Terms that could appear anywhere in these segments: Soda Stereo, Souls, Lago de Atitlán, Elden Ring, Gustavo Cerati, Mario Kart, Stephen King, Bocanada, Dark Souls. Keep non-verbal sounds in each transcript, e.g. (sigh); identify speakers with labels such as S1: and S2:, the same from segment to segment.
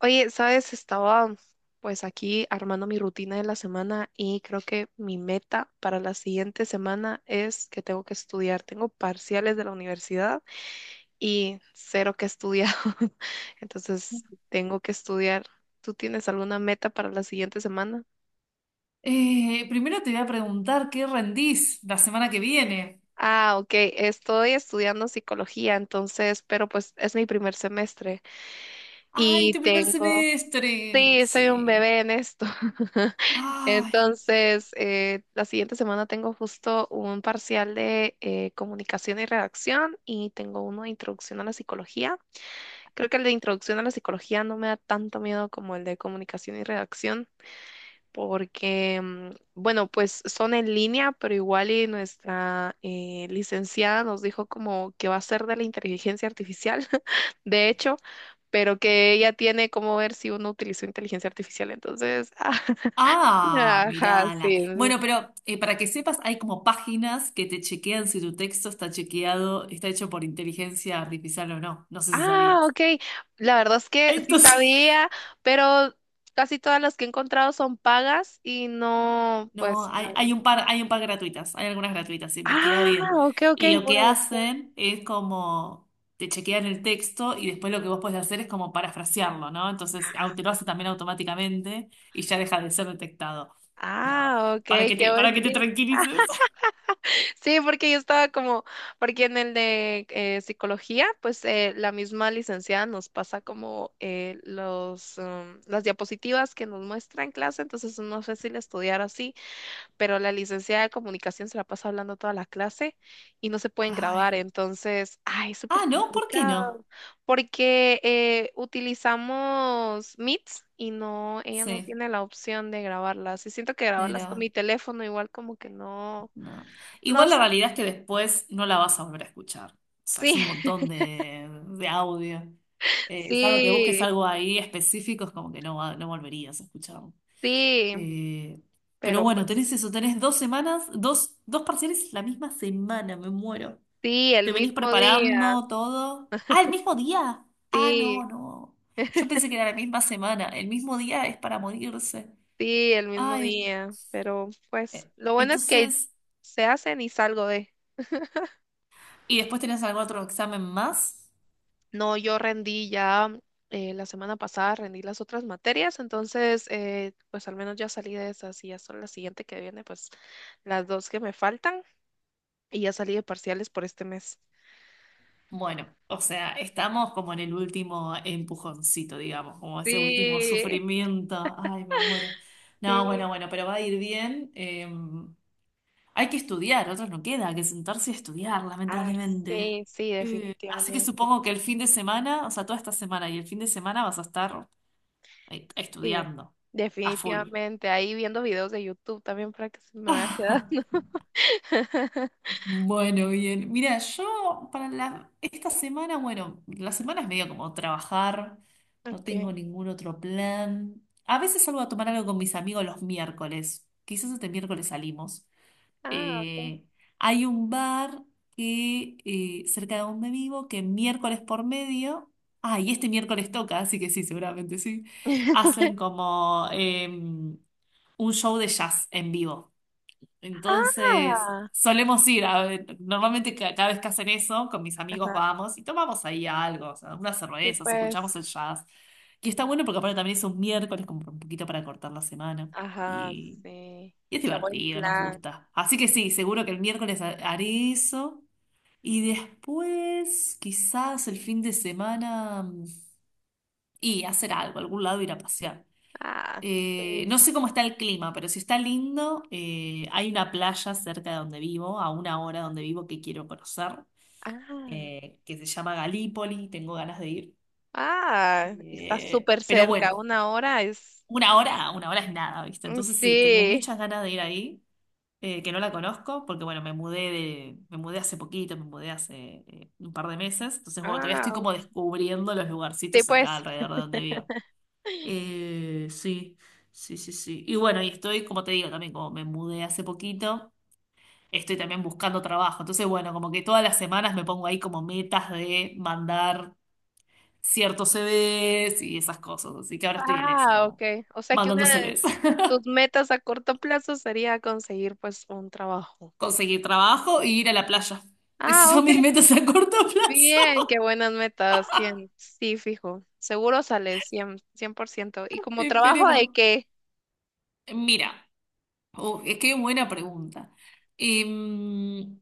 S1: Oye, sabes, estaba pues aquí armando mi rutina de la semana y creo que mi meta para la siguiente semana es que tengo que estudiar. Tengo parciales de la universidad y cero que estudiar. (laughs) Entonces, tengo que estudiar. ¿Tú tienes alguna meta para la siguiente semana?
S2: Primero te voy a preguntar qué rendís la semana que viene.
S1: Ah, ok, estoy estudiando psicología, entonces, pero pues es mi primer semestre
S2: ¡Ay,
S1: y
S2: tu primer
S1: tengo,
S2: semestre!
S1: sí, soy un
S2: Sí.
S1: bebé en esto.
S2: ¡Ay!
S1: Entonces, la siguiente semana tengo justo un parcial de comunicación y redacción y tengo uno de introducción a la psicología. Creo que el de introducción a la psicología no me da tanto miedo como el de comunicación y redacción porque, bueno, pues son en línea, pero igual y nuestra licenciada nos dijo como que va a ser de la inteligencia artificial, (laughs) de hecho, pero que ella tiene como ver si uno utilizó inteligencia artificial. Entonces, (laughs)
S2: ¡Ah!
S1: ajá,
S2: Mirala.
S1: sí, sí,
S2: Bueno, pero para que sepas, hay como páginas que te chequean si tu texto está chequeado, está hecho por inteligencia artificial o no. No sé si
S1: ah,
S2: sabías.
S1: ok. La verdad es que sí
S2: Entonces.
S1: sabía, pero casi todas las que he encontrado son pagas y no,
S2: No,
S1: pues
S2: hay,
S1: no.
S2: hay un par, hay un par gratuitas, hay algunas gratuitas, investiga
S1: Ah,
S2: bien.
S1: ok, ok,
S2: Y lo
S1: voy
S2: que
S1: a buscar.
S2: hacen es como te chequean el texto y después lo que vos podés hacer es como parafrasearlo, ¿no? Entonces
S1: Ah,
S2: te lo hace también automáticamente y ya deja de ser detectado. No,
S1: ah, ok,
S2: para que
S1: qué
S2: te, para
S1: buen
S2: que te
S1: tip.
S2: tranquilices. (laughs)
S1: Sí, porque yo estaba como, porque en el de psicología, pues la misma licenciada nos pasa como las diapositivas que nos muestra en clase, entonces es más fácil estudiar así. Pero la licenciada de comunicación se la pasa hablando toda la clase y no se pueden grabar,
S2: Ay.
S1: entonces, ay, es súper
S2: Ah, no, ¿por qué no?
S1: complicado, porque utilizamos Meets y no, ella no
S2: Sí,
S1: tiene la opción de grabarlas, y siento que grabarlas con
S2: negra.
S1: mi teléfono igual como que no,
S2: No.
S1: no
S2: Igual la realidad
S1: sale,
S2: es que después no la vas a volver a escuchar. O sea, es
S1: sí,
S2: un montón de, audio.
S1: (laughs)
S2: Salvo que busques
S1: sí,
S2: algo ahí específico, es como que no, no volverías a escucharlo.
S1: sí,
S2: Eh, pero
S1: pero
S2: bueno,
S1: pues,
S2: tenés eso, tenés dos semanas, dos parciales la misma semana, me muero.
S1: sí, el
S2: ¿Te venís
S1: mismo día,
S2: preparando todo? Ah, el mismo día. Ah,
S1: sí.
S2: no, no. Yo pensé que era la misma semana. El mismo día es para morirse.
S1: Sí, el mismo
S2: Ay,
S1: día, pero pues
S2: eh,
S1: lo bueno es que
S2: entonces...
S1: se hacen y salgo de.
S2: ¿Y después tenés algún otro examen más?
S1: No, yo rendí ya la semana pasada, rendí las otras materias, entonces pues al menos ya salí de esas y ya son la siguiente que viene, pues las dos que me faltan y ya salí de parciales por este mes.
S2: Bueno, o sea, estamos como en el último empujoncito, digamos, como ese último
S1: Sí,
S2: sufrimiento. Ay, me muero. No, bueno,
S1: sí.
S2: bueno, pero va a ir bien. Hay que estudiar, otros no queda que sentarse a estudiar,
S1: Ay,
S2: lamentablemente.
S1: sí,
S2: Así que supongo que el fin de semana, o sea, toda esta semana y el fin de semana vas a estar
S1: sí.
S2: estudiando a full.
S1: Definitivamente, ahí viendo videos de YouTube también para que se me vaya quedando.
S2: (laughs)
S1: (laughs)
S2: Bueno, bien. Mira, yo esta semana, bueno, la semana es medio como trabajar, no tengo
S1: Okay.
S2: ningún otro plan. A veces salgo a tomar algo con mis amigos los miércoles, quizás este miércoles salimos.
S1: Ah, ok.
S2: Eh, hay un bar que cerca de donde vivo que miércoles por medio, ah, y este miércoles toca, así que sí, seguramente sí,
S1: (laughs)
S2: hacen como un show de jazz en vivo. Entonces,
S1: Ah,
S2: solemos ir, normalmente cada vez que hacen eso, con mis amigos
S1: ajá,
S2: vamos y tomamos ahí algo, o sea, unas
S1: sí,
S2: cervezas, escuchamos
S1: pues,
S2: el jazz. Que está bueno porque aparte también es un miércoles, como un poquito para cortar la semana.
S1: ajá,
S2: Y,
S1: sí,
S2: y es
S1: qué buen
S2: divertido, nos
S1: plan.
S2: gusta. Así que sí, seguro que el miércoles haré eso. Y después, quizás el fin de semana, mm, y hacer algo, algún lado ir a pasear.
S1: Ah, sí.
S2: No sé cómo está el clima, pero si está lindo, hay una playa cerca de donde vivo, a una hora de donde vivo que quiero conocer,
S1: Ah,
S2: que se llama Galípoli, tengo ganas de ir.
S1: ah, está súper
S2: Pero
S1: cerca,
S2: bueno,
S1: una hora es.
S2: una hora es nada, ¿viste?
S1: Mm,
S2: Entonces sí, tengo
S1: sí,
S2: muchas ganas de ir ahí, que no la conozco, porque bueno, me mudé hace poquito, me mudé hace un par de meses, entonces bueno, todavía estoy
S1: ah,
S2: como descubriendo los
S1: sí,
S2: lugarcitos
S1: pues,
S2: acá alrededor de donde vivo. Sí, sí, sí, sí. Y bueno, y estoy, como te digo, también como me mudé hace poquito, estoy también buscando trabajo. Entonces, bueno, como que todas las semanas me pongo ahí como metas de mandar ciertos CVs y esas cosas. Así que ahora estoy en esa,
S1: ah, ok.
S2: como
S1: O sea que
S2: mandando
S1: una de
S2: CVs. (laughs)
S1: tus metas a corto plazo sería conseguir pues un trabajo.
S2: Conseguir trabajo y ir a la playa.
S1: Ah,
S2: Esas son mis
S1: ok,
S2: metas a corto (laughs) plazo.
S1: bien, qué buenas metas. 100, sí, fijo, seguro sales cien, 100%. ¿Y como trabajo de
S2: Esperemos.
S1: qué?
S2: Mira, es que buena pregunta. Em,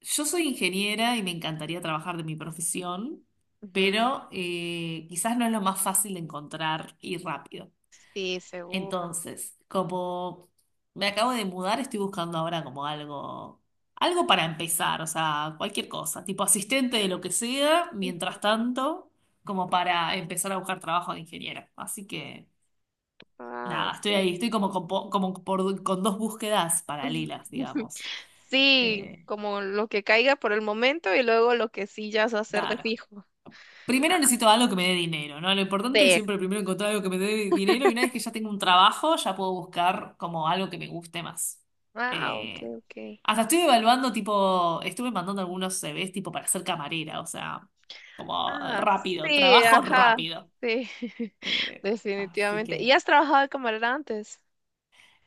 S2: Yo soy ingeniera y me encantaría trabajar de mi profesión,
S1: Ujú,
S2: pero quizás no es lo más fácil de encontrar y rápido.
S1: sí, seguro.
S2: Entonces, como me acabo de mudar, estoy buscando ahora como algo, algo para empezar, o sea, cualquier cosa, tipo asistente de lo que sea, mientras
S1: Ujú.
S2: tanto, como para empezar a buscar trabajo de ingeniera. Así que,
S1: Ah,
S2: nada, estoy
S1: ok.
S2: ahí, estoy como con, como con dos búsquedas paralelas,
S1: (laughs)
S2: digamos.
S1: Sí,
S2: Eh,
S1: como lo que caiga por el momento y luego lo que sí ya se va a hacer de
S2: claro.
S1: fijo.
S2: Primero necesito algo que me dé dinero, ¿no? Lo importante es
S1: Sí.
S2: siempre primero encontrar algo que me dé dinero y una vez que ya tengo un trabajo, ya puedo buscar como algo que me guste más.
S1: Ah, ok,
S2: Eh,
S1: ok.
S2: hasta estoy evaluando, tipo, estuve mandando algunos CVs tipo para ser camarera, o sea, como
S1: Ah,
S2: rápido,
S1: sí,
S2: trabajo
S1: ajá,
S2: rápido.
S1: sí, (laughs)
S2: Eh, así
S1: definitivamente. ¿Y
S2: que...
S1: has trabajado de camarera antes?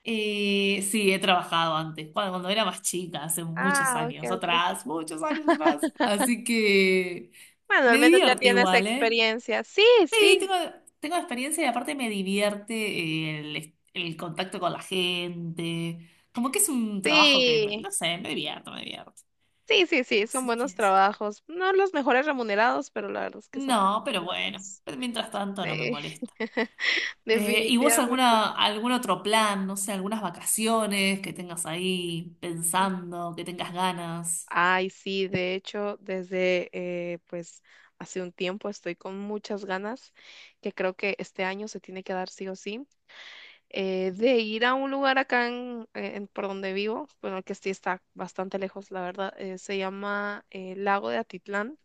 S2: Sí, he trabajado antes, cuando, era más chica, hace muchos
S1: Ah, ok,
S2: años
S1: ok.
S2: atrás, muchos años atrás. Así
S1: (laughs)
S2: que
S1: Bueno, al
S2: me
S1: menos ya
S2: divierte
S1: tienes
S2: igual, ¿eh?
S1: experiencia. Sí,
S2: Sí,
S1: sí,
S2: tengo, tengo experiencia y aparte me divierte el contacto con la gente. Como que es un trabajo que,
S1: sí,
S2: no sé, me divierto, me divierto.
S1: sí, sí, sí, son
S2: Así que
S1: buenos
S2: es.
S1: trabajos. No los mejores remunerados, pero la verdad es que son
S2: No, pero bueno,
S1: buenos.
S2: pero mientras tanto no me
S1: Sí,
S2: molesta.
S1: (laughs)
S2: ¿Y vos
S1: definitivamente.
S2: alguna, algún otro plan, no sé, algunas vacaciones que tengas ahí pensando, que tengas ganas?
S1: Ay, sí, de hecho, desde pues hace un tiempo estoy con muchas ganas, que creo que este año se tiene que dar sí o sí, de ir a un lugar acá en, por donde vivo, bueno, que sí está bastante lejos, la verdad, se llama Lago de Atitlán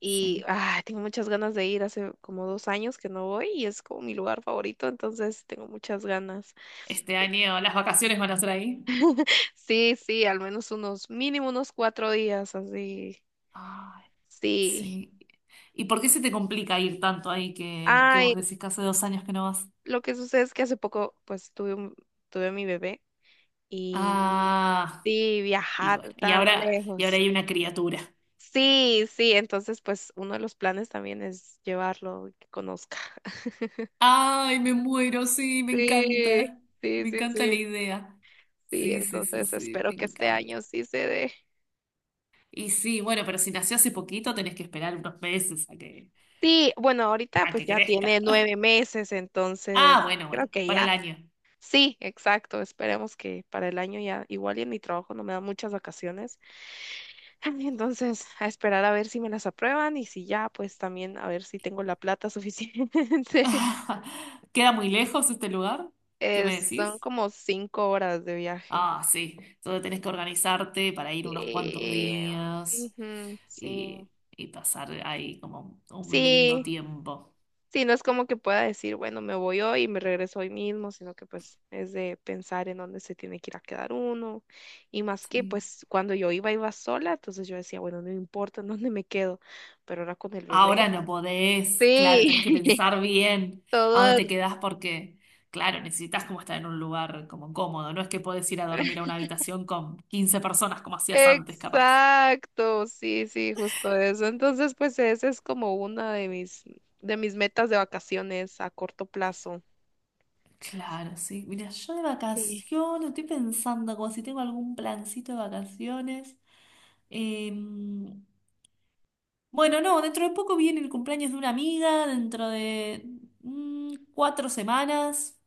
S1: y
S2: Sí.
S1: ay, tengo muchas ganas de ir, hace como 2 años que no voy y es como mi lugar favorito, entonces tengo muchas ganas.
S2: Este año las vacaciones van a ser ahí.
S1: Sí, sí, al menos unos, mínimo unos 4 días, así.
S2: Ay,
S1: Sí.
S2: sí. ¿Y por qué se te complica ir tanto ahí que,
S1: Ay,
S2: vos decís que hace dos años que no vas?
S1: lo que sucede es que hace poco, pues, tuve mi bebé y
S2: Ah,
S1: sí,
S2: y
S1: viajar
S2: bueno, y
S1: tan
S2: ahora,
S1: lejos.
S2: hay una criatura.
S1: Sí, sí, entonces, pues, uno de los planes también es llevarlo y que conozca. (laughs)
S2: Ay, me muero, sí, me
S1: Sí,
S2: encanta.
S1: sí,
S2: Me
S1: sí,
S2: encanta la
S1: sí,
S2: idea.
S1: sí,
S2: Sí, sí, sí,
S1: entonces
S2: sí,
S1: espero
S2: me
S1: que este
S2: encanta.
S1: año sí se dé.
S2: Y sí, bueno, pero si nació hace poquito, tenés que esperar unos meses a que,
S1: Sí, bueno, ahorita pues ya
S2: crezca.
S1: tiene
S2: (laughs)
S1: 9 meses,
S2: Ah,
S1: entonces
S2: bueno,
S1: creo
S2: bueno,
S1: que
S2: para
S1: ya.
S2: el año.
S1: Sí, exacto. Esperemos que para el año ya, igual y en mi trabajo no me dan muchas vacaciones. Ay, entonces, a esperar a ver si me las aprueban y si ya, pues también a ver si tengo la plata suficiente. (laughs)
S2: (laughs) ¿Queda muy lejos este lugar? ¿Qué me
S1: Son
S2: decís?
S1: como 5 horas de viaje.
S2: Ah, sí. Entonces tenés que organizarte para ir unos cuantos
S1: Sí.
S2: días
S1: Ujú, sí.
S2: y pasar ahí como un lindo
S1: Sí,
S2: tiempo.
S1: sí, no es como que pueda decir, bueno, me voy hoy y me regreso hoy mismo, sino que pues es de pensar en dónde se tiene que ir a quedar uno. Y más que
S2: Sí.
S1: pues cuando yo iba, iba sola, entonces yo decía, bueno, no me importa en dónde me quedo, pero ahora con el
S2: Ahora
S1: bebé,
S2: no podés, claro,
S1: sí,
S2: tenés que
S1: (laughs)
S2: pensar bien a
S1: todo.
S2: dónde te quedás porque, claro, necesitas como estar en un lugar como cómodo. No es que podés ir a dormir a una habitación con 15 personas como hacías antes, capaz.
S1: Exacto, sí, sí, justo eso. Entonces, pues esa es como una de mis metas de vacaciones a corto plazo.
S2: Claro, sí. Mira, yo de
S1: Sí.
S2: vacaciones, estoy pensando como si tengo algún plancito de vacaciones. Em, Bueno, no, dentro de poco viene el cumpleaños de una amiga, dentro de cuatro semanas.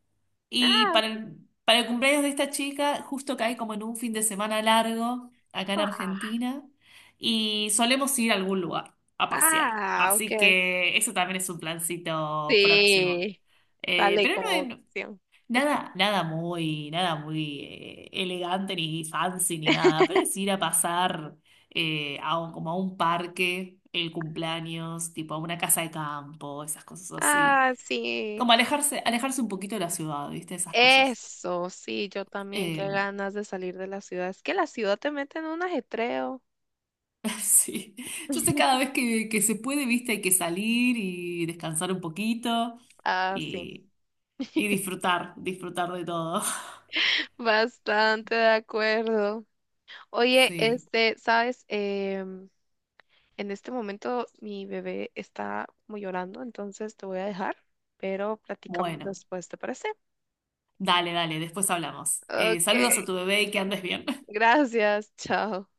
S2: Y para el, cumpleaños de esta chica, justo cae como en un fin de semana largo acá en
S1: Ah,
S2: Argentina. Y solemos ir a algún lugar a pasear.
S1: ah,
S2: Así
S1: ok.
S2: que eso también es un plancito próximo.
S1: Sí, sale
S2: Pero
S1: como
S2: no,
S1: opción.
S2: nada, nada muy elegante ni fancy ni nada, pero es ir a pasar a como a un parque el cumpleaños, tipo a una casa de campo, esas cosas así.
S1: Ah, sí,
S2: Como alejarse, alejarse un poquito de la ciudad, ¿viste? Esas cosas.
S1: eso, sí, yo también,
S2: Eh,
S1: qué ganas de salir de la ciudad. Es que la ciudad te mete en un ajetreo.
S2: (laughs) sí. Entonces cada vez que, se puede, ¿viste? Hay que salir y descansar un poquito
S1: Ah, sí,
S2: y, y
S1: (laughs)
S2: disfrutar, disfrutar de todo. (laughs)
S1: bastante de acuerdo. Oye,
S2: Sí.
S1: este, sabes, en este momento mi bebé está como llorando, entonces te voy a dejar, pero platicamos
S2: Bueno.
S1: después, ¿te parece?
S2: Dale, dale, después hablamos.
S1: Ok,
S2: Saludos a tu bebé y que andes bien.
S1: gracias, chao.